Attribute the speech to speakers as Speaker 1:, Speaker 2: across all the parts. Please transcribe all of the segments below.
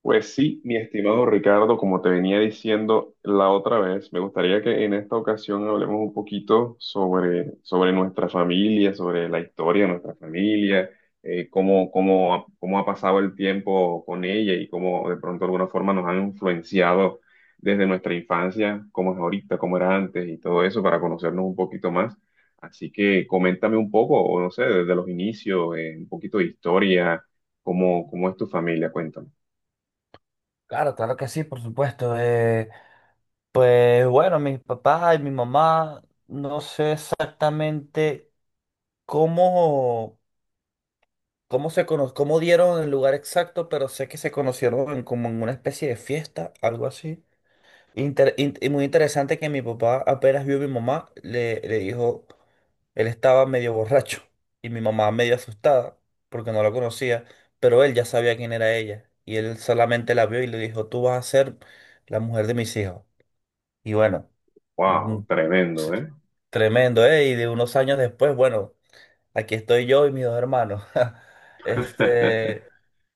Speaker 1: Pues sí, mi estimado Ricardo, como te venía diciendo la otra vez, me gustaría que en esta ocasión hablemos un poquito sobre nuestra familia, sobre la historia de nuestra familia, cómo ha pasado el tiempo con ella y cómo de pronto de alguna forma nos han influenciado desde nuestra infancia, cómo es ahorita, cómo era antes y todo eso para conocernos un poquito más. Así que coméntame un poco, o no sé, desde los inicios, un poquito de historia, cómo es tu familia, cuéntame.
Speaker 2: Claro, claro que sí, por supuesto. Pues bueno, mis papás y mi mamá, no sé exactamente cómo, cómo dieron el lugar exacto, pero sé que se conocieron como en una especie de fiesta, algo así. Y muy interesante que mi papá apenas vio a mi mamá, le dijo, él estaba medio borracho y mi mamá medio asustada porque no la conocía, pero él ya sabía quién era ella y él solamente la vio y le dijo: «Tú vas a ser la mujer de mis hijos.» Y bueno, mm,
Speaker 1: Wow, tremendo,
Speaker 2: sí,
Speaker 1: ¿eh?
Speaker 2: tremendo, ¿eh? Y de unos años después, bueno, aquí estoy yo y mis dos hermanos. Este,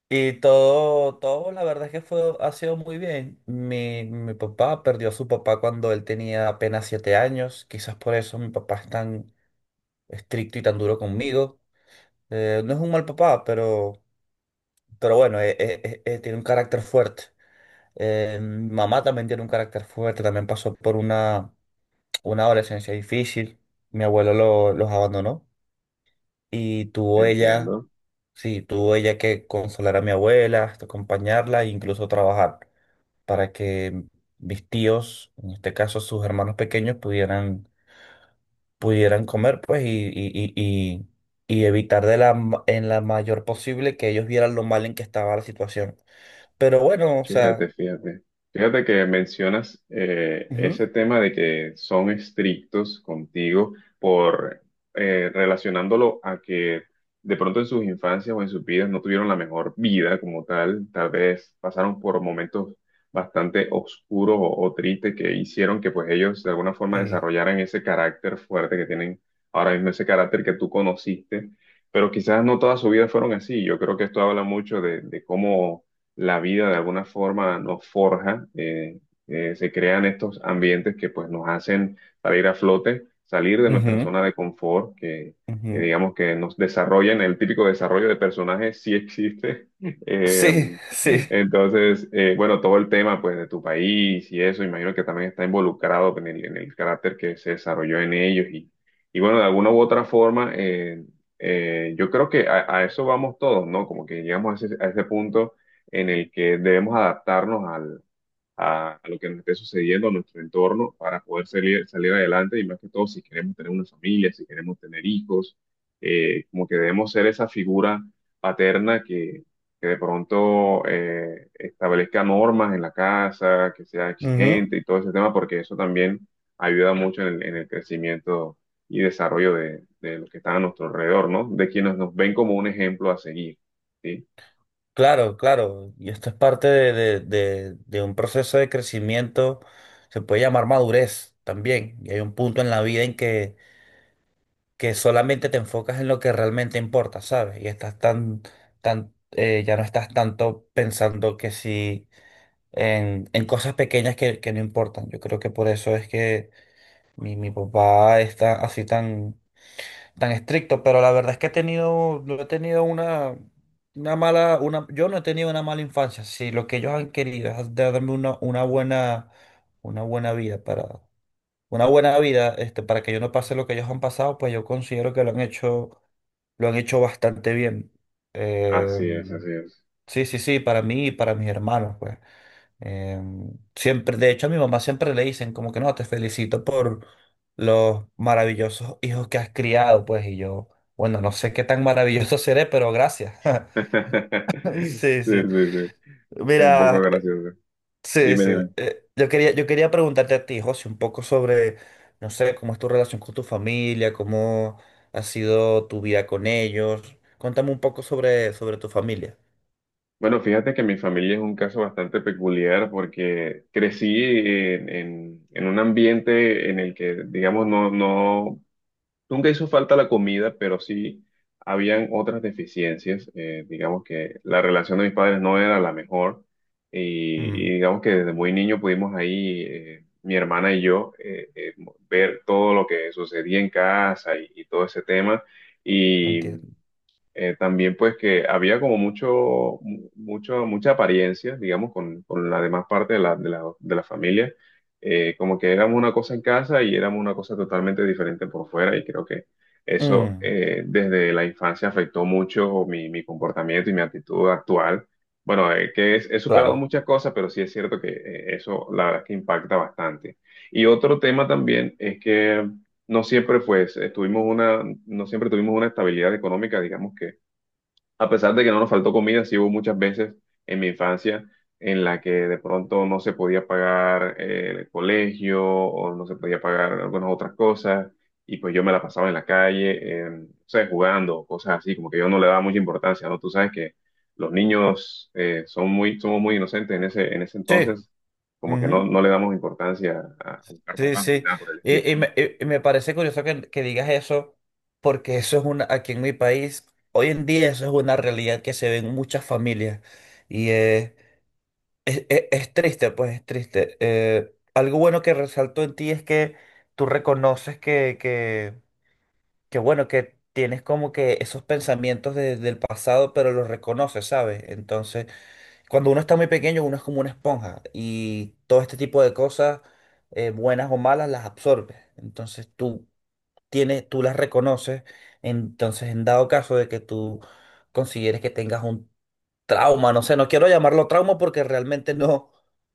Speaker 2: y todo, la verdad es que fue, ha sido muy bien. Mi papá perdió a su papá cuando él tenía apenas 7 años. Quizás por eso mi papá es tan estricto y tan duro conmigo. No es un mal papá, pero, bueno, tiene un carácter fuerte. Mi mamá también tiene un carácter fuerte, también pasó por una adolescencia difícil. Mi abuelo los abandonó y tuvo ella,
Speaker 1: Entiendo.
Speaker 2: sí, tuvo ella que consolar a mi abuela, hasta acompañarla e incluso trabajar para que mis tíos, en este caso sus hermanos pequeños, pudieran comer, pues, y y evitar en la mayor posible que ellos vieran lo mal en que estaba la situación. Pero bueno, o sea,
Speaker 1: Fíjate, fíjate. Fíjate que mencionas
Speaker 2: ujú.
Speaker 1: ese tema de que son estrictos contigo por relacionándolo a que de pronto en sus infancias o en sus vidas no tuvieron la mejor vida como tal. Tal vez pasaron por momentos bastante oscuros o tristes que hicieron que pues ellos de alguna forma
Speaker 2: Sí.
Speaker 1: desarrollaran ese carácter fuerte que tienen ahora mismo, ese carácter que tú conociste. Pero quizás no toda su vida fueron así. Yo creo que esto habla mucho de cómo la vida de alguna forma nos forja, se crean estos ambientes que pues nos hacen salir a flote, salir de nuestra
Speaker 2: Ujú,
Speaker 1: zona de confort, que
Speaker 2: ujú.
Speaker 1: digamos que nos desarrollan, el típico desarrollo de personajes sí existe.
Speaker 2: Sí,
Speaker 1: Eh,
Speaker 2: sí.
Speaker 1: bueno, todo el tema pues de tu país y eso, imagino que también está involucrado en el carácter que se desarrolló en ellos y bueno, de alguna u otra forma, yo creo que a eso vamos todos, ¿no? Como que llegamos a a ese punto en el que debemos adaptarnos a lo que nos esté sucediendo, a nuestro entorno, para poder salir adelante y más que todo si queremos tener una familia, si queremos tener hijos, como que debemos ser esa figura paterna que de pronto establezca normas en la casa, que sea
Speaker 2: Ujú.
Speaker 1: exigente y todo ese tema, porque eso también ayuda mucho en el crecimiento y desarrollo de los que están a nuestro alrededor, ¿no? De quienes nos ven como un ejemplo a seguir, ¿sí?
Speaker 2: Claro, claro, y esto es parte de un proceso de crecimiento, se puede llamar madurez también, y hay un punto en la vida en que solamente te enfocas en lo que realmente importa, ¿sabes? Y estás ya no estás tanto pensando que si en, en cosas pequeñas que no importan. Yo creo que por eso es que mi papá está así tan estricto, pero la verdad es que no he tenido yo no he tenido una mala infancia. Si lo que ellos han querido es darme una buena vida para, una buena vida, para que yo no pase lo que ellos han pasado, pues yo considero que lo han hecho bastante bien. Eh,
Speaker 1: Así es, así es.
Speaker 2: sí, sí, sí, para mí y para mis hermanos, pues. Siempre, de hecho, a mi mamá siempre le dicen como que no, te felicito por los maravillosos hijos que has criado, pues, y yo, bueno, no sé qué tan maravilloso seré, pero gracias. Sí,
Speaker 1: Sí,
Speaker 2: sí.
Speaker 1: sí, sí. Es un poco
Speaker 2: Mira,
Speaker 1: gracioso.
Speaker 2: sí,
Speaker 1: Dime,
Speaker 2: sí.
Speaker 1: dime.
Speaker 2: Yo quería preguntarte a ti, José, un poco sobre, no sé, cómo es tu relación con tu familia, cómo ha sido tu vida con ellos. Cuéntame un poco sobre tu familia.
Speaker 1: Bueno, fíjate que mi familia es un caso bastante peculiar porque crecí en un ambiente en el que, digamos, no nunca hizo falta la comida, pero sí habían otras deficiencias. Digamos que la relación de mis padres no era la mejor
Speaker 2: Mm,
Speaker 1: y digamos que desde muy niño pudimos ahí, mi hermana y yo, ver todo lo que sucedía en casa y todo ese tema. Y
Speaker 2: entiendo.
Speaker 1: también pues que había como mucha apariencia, digamos, con la demás parte de la familia. Como que éramos una cosa en casa y éramos una cosa totalmente diferente por fuera y creo que eso
Speaker 2: Mm,
Speaker 1: desde la infancia afectó mucho mi comportamiento y mi actitud actual. Bueno, he superado
Speaker 2: claro.
Speaker 1: muchas cosas, pero sí es cierto que eso la verdad es que impacta bastante. Y otro tema también es que no siempre pues estuvimos una, no siempre tuvimos una estabilidad económica, digamos, a pesar de que no nos faltó comida, sí hubo muchas veces en mi infancia en la que de pronto no se podía pagar el colegio o no se podía pagar algunas otras cosas y pues yo me la pasaba en la calle, no sé, jugando, cosas así, como que yo no le daba mucha importancia, ¿no? Tú sabes que los niños son muy, somos muy inocentes en en ese
Speaker 2: Sí.
Speaker 1: entonces, como que
Speaker 2: Ujú.
Speaker 1: no le damos importancia a buscar
Speaker 2: Sí,
Speaker 1: trabajo ni
Speaker 2: sí.
Speaker 1: nada por el estilo,
Speaker 2: Y, y
Speaker 1: ¿no?
Speaker 2: me, y- y me parece curioso que digas eso, porque eso es aquí en mi país, hoy en día eso es una realidad que se ve en muchas familias. Y eh, es triste, pues es triste. Algo bueno que resalto en ti es que tú reconoces que bueno, que tienes como que esos pensamientos del pasado, pero los reconoces, ¿sabes? Entonces cuando uno está muy pequeño, uno es como una esponja y todo este tipo de cosas, buenas o malas, las absorbes. Entonces tú las reconoces. Entonces, en dado caso de que tú consideres que tengas un trauma, no sé, no quiero llamarlo trauma porque realmente no,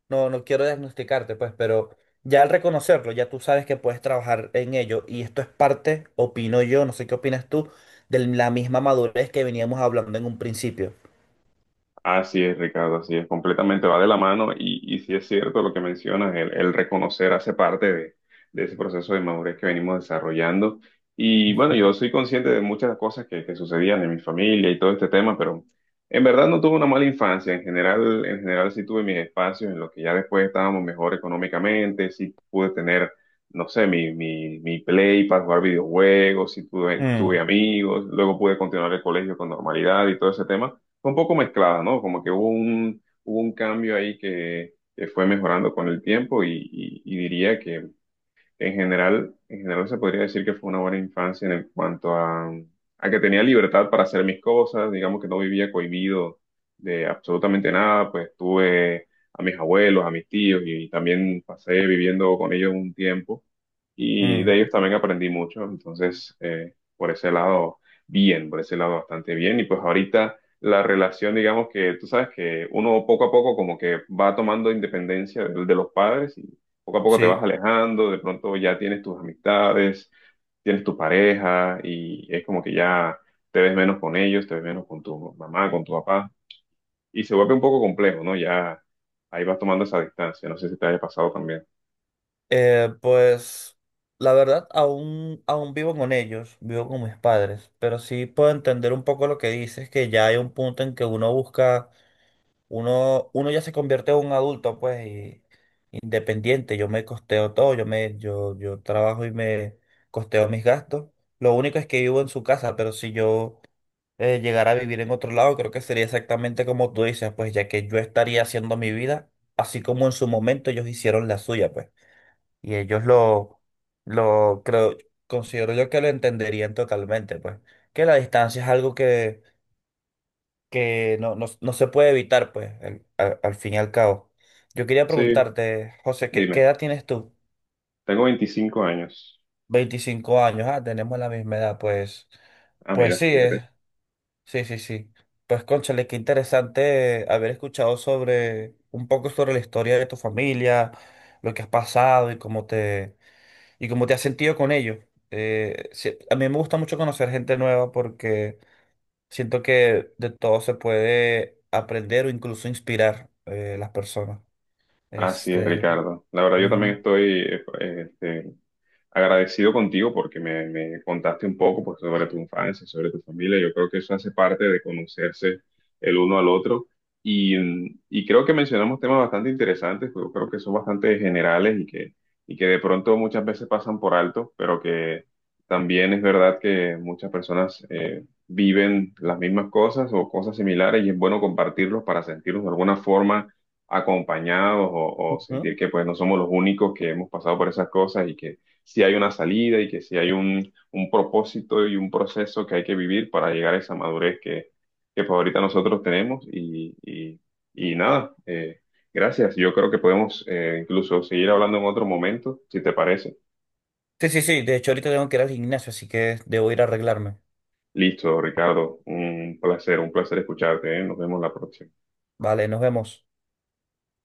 Speaker 2: no, no quiero diagnosticarte, pues, pero ya al reconocerlo, ya tú sabes que puedes trabajar en ello y esto es parte, opino yo, no sé qué opinas tú, de la misma madurez que veníamos hablando en un principio.
Speaker 1: Así es, Ricardo, así es, completamente va de la mano y sí es cierto lo que mencionas, el reconocer hace parte de ese proceso de madurez que venimos desarrollando. Y bueno, yo soy consciente de muchas cosas que sucedían en mi familia y todo este tema, pero en verdad no tuve una mala infancia. En general sí tuve mis espacios en los que ya después estábamos mejor económicamente, sí pude tener, no sé, mi play para jugar videojuegos, sí tuve
Speaker 2: Mm,
Speaker 1: amigos, luego pude continuar el colegio con normalidad y todo ese tema fue un poco mezclada, ¿no? Como que hubo un cambio ahí que fue mejorando con el tiempo y diría que, en general se podría decir que fue una buena infancia en el- cuanto a que tenía libertad para hacer mis cosas, digamos que no vivía cohibido de absolutamente nada, pues tuve a mis abuelos, a mis tíos y también pasé viviendo con ellos un tiempo y de
Speaker 2: mm,
Speaker 1: ellos también aprendí mucho, entonces por ese lado bien, por ese lado bastante bien y pues ahorita la relación, digamos que tú sabes que uno poco a poco como que va tomando independencia de los padres, poco a poco te vas
Speaker 2: sí.
Speaker 1: alejando, de pronto ya tienes tus amistades, tienes tu pareja y es como que ya te ves menos con ellos, te ves menos con tu mamá, con tu papá y se vuelve un poco complejo, ¿no? Ya ahí vas tomando esa distancia, no sé si te haya pasado también.
Speaker 2: Pues la verdad, aún vivo con ellos, vivo con mis padres, pero sí puedo entender un poco lo que dices, que ya hay un punto en que uno ya se convierte en un adulto, pues, y independiente, yo me costeo todo, yo trabajo y me costeo mis gastos. Lo único es que vivo en su casa, pero si yo llegara a vivir en otro lado, creo que sería exactamente como tú dices, pues, ya que yo estaría haciendo mi vida, así como en su momento ellos hicieron la suya, pues. Y ellos lo creo, considero yo que lo entenderían totalmente, pues. Que la distancia es algo que no se puede evitar, pues, al fin y al cabo. Yo quería
Speaker 1: Sí,
Speaker 2: preguntarte, José, ¿qué
Speaker 1: dime,
Speaker 2: edad tienes tú?
Speaker 1: tengo 25 años.
Speaker 2: 25 años, ah, tenemos la misma edad, pues.
Speaker 1: Ah,
Speaker 2: Pues
Speaker 1: mira,
Speaker 2: sí,
Speaker 1: fíjate.
Speaker 2: sí, sí, sí. Pues, cónchale, qué interesante haber escuchado un poco sobre la historia de tu familia, lo que has pasado. ¿Y cómo te has sentido con ellos? Sí, a mí me gusta mucho conocer gente nueva porque siento que de todo se puede aprender o incluso inspirar las personas.
Speaker 1: Así es,
Speaker 2: Este,
Speaker 1: Ricardo. La verdad, yo también
Speaker 2: ujú,
Speaker 1: estoy eh, este, agradecido contigo porque me contaste un poco pues, sobre tu infancia, sobre tu familia. Yo creo que eso hace parte de conocerse el uno al otro. Y, mm, y creo que mencionamos temas bastante interesantes, yo creo que son bastante generales y que de pronto muchas veces pasan por alto, pero que también es verdad que muchas personas viven las mismas cosas o cosas similares y es bueno compartirlos para sentirnos de alguna forma acompañados o
Speaker 2: ujú.
Speaker 1: sentir que pues no somos los únicos que hemos pasado por esas cosas y que sí hay una salida y que sí hay un propósito y un proceso que hay que vivir para llegar a esa madurez que pues ahorita nosotros tenemos y nada, gracias. Yo creo que podemos incluso seguir hablando en otro momento, si te parece.
Speaker 2: Sí, sí, sí. De hecho, ahorita tengo que ir al gimnasio, así que debo ir a arreglarme.
Speaker 1: Listo, Ricardo, un placer escucharte, ¿eh? Nos vemos la próxima.
Speaker 2: Vale, nos vemos.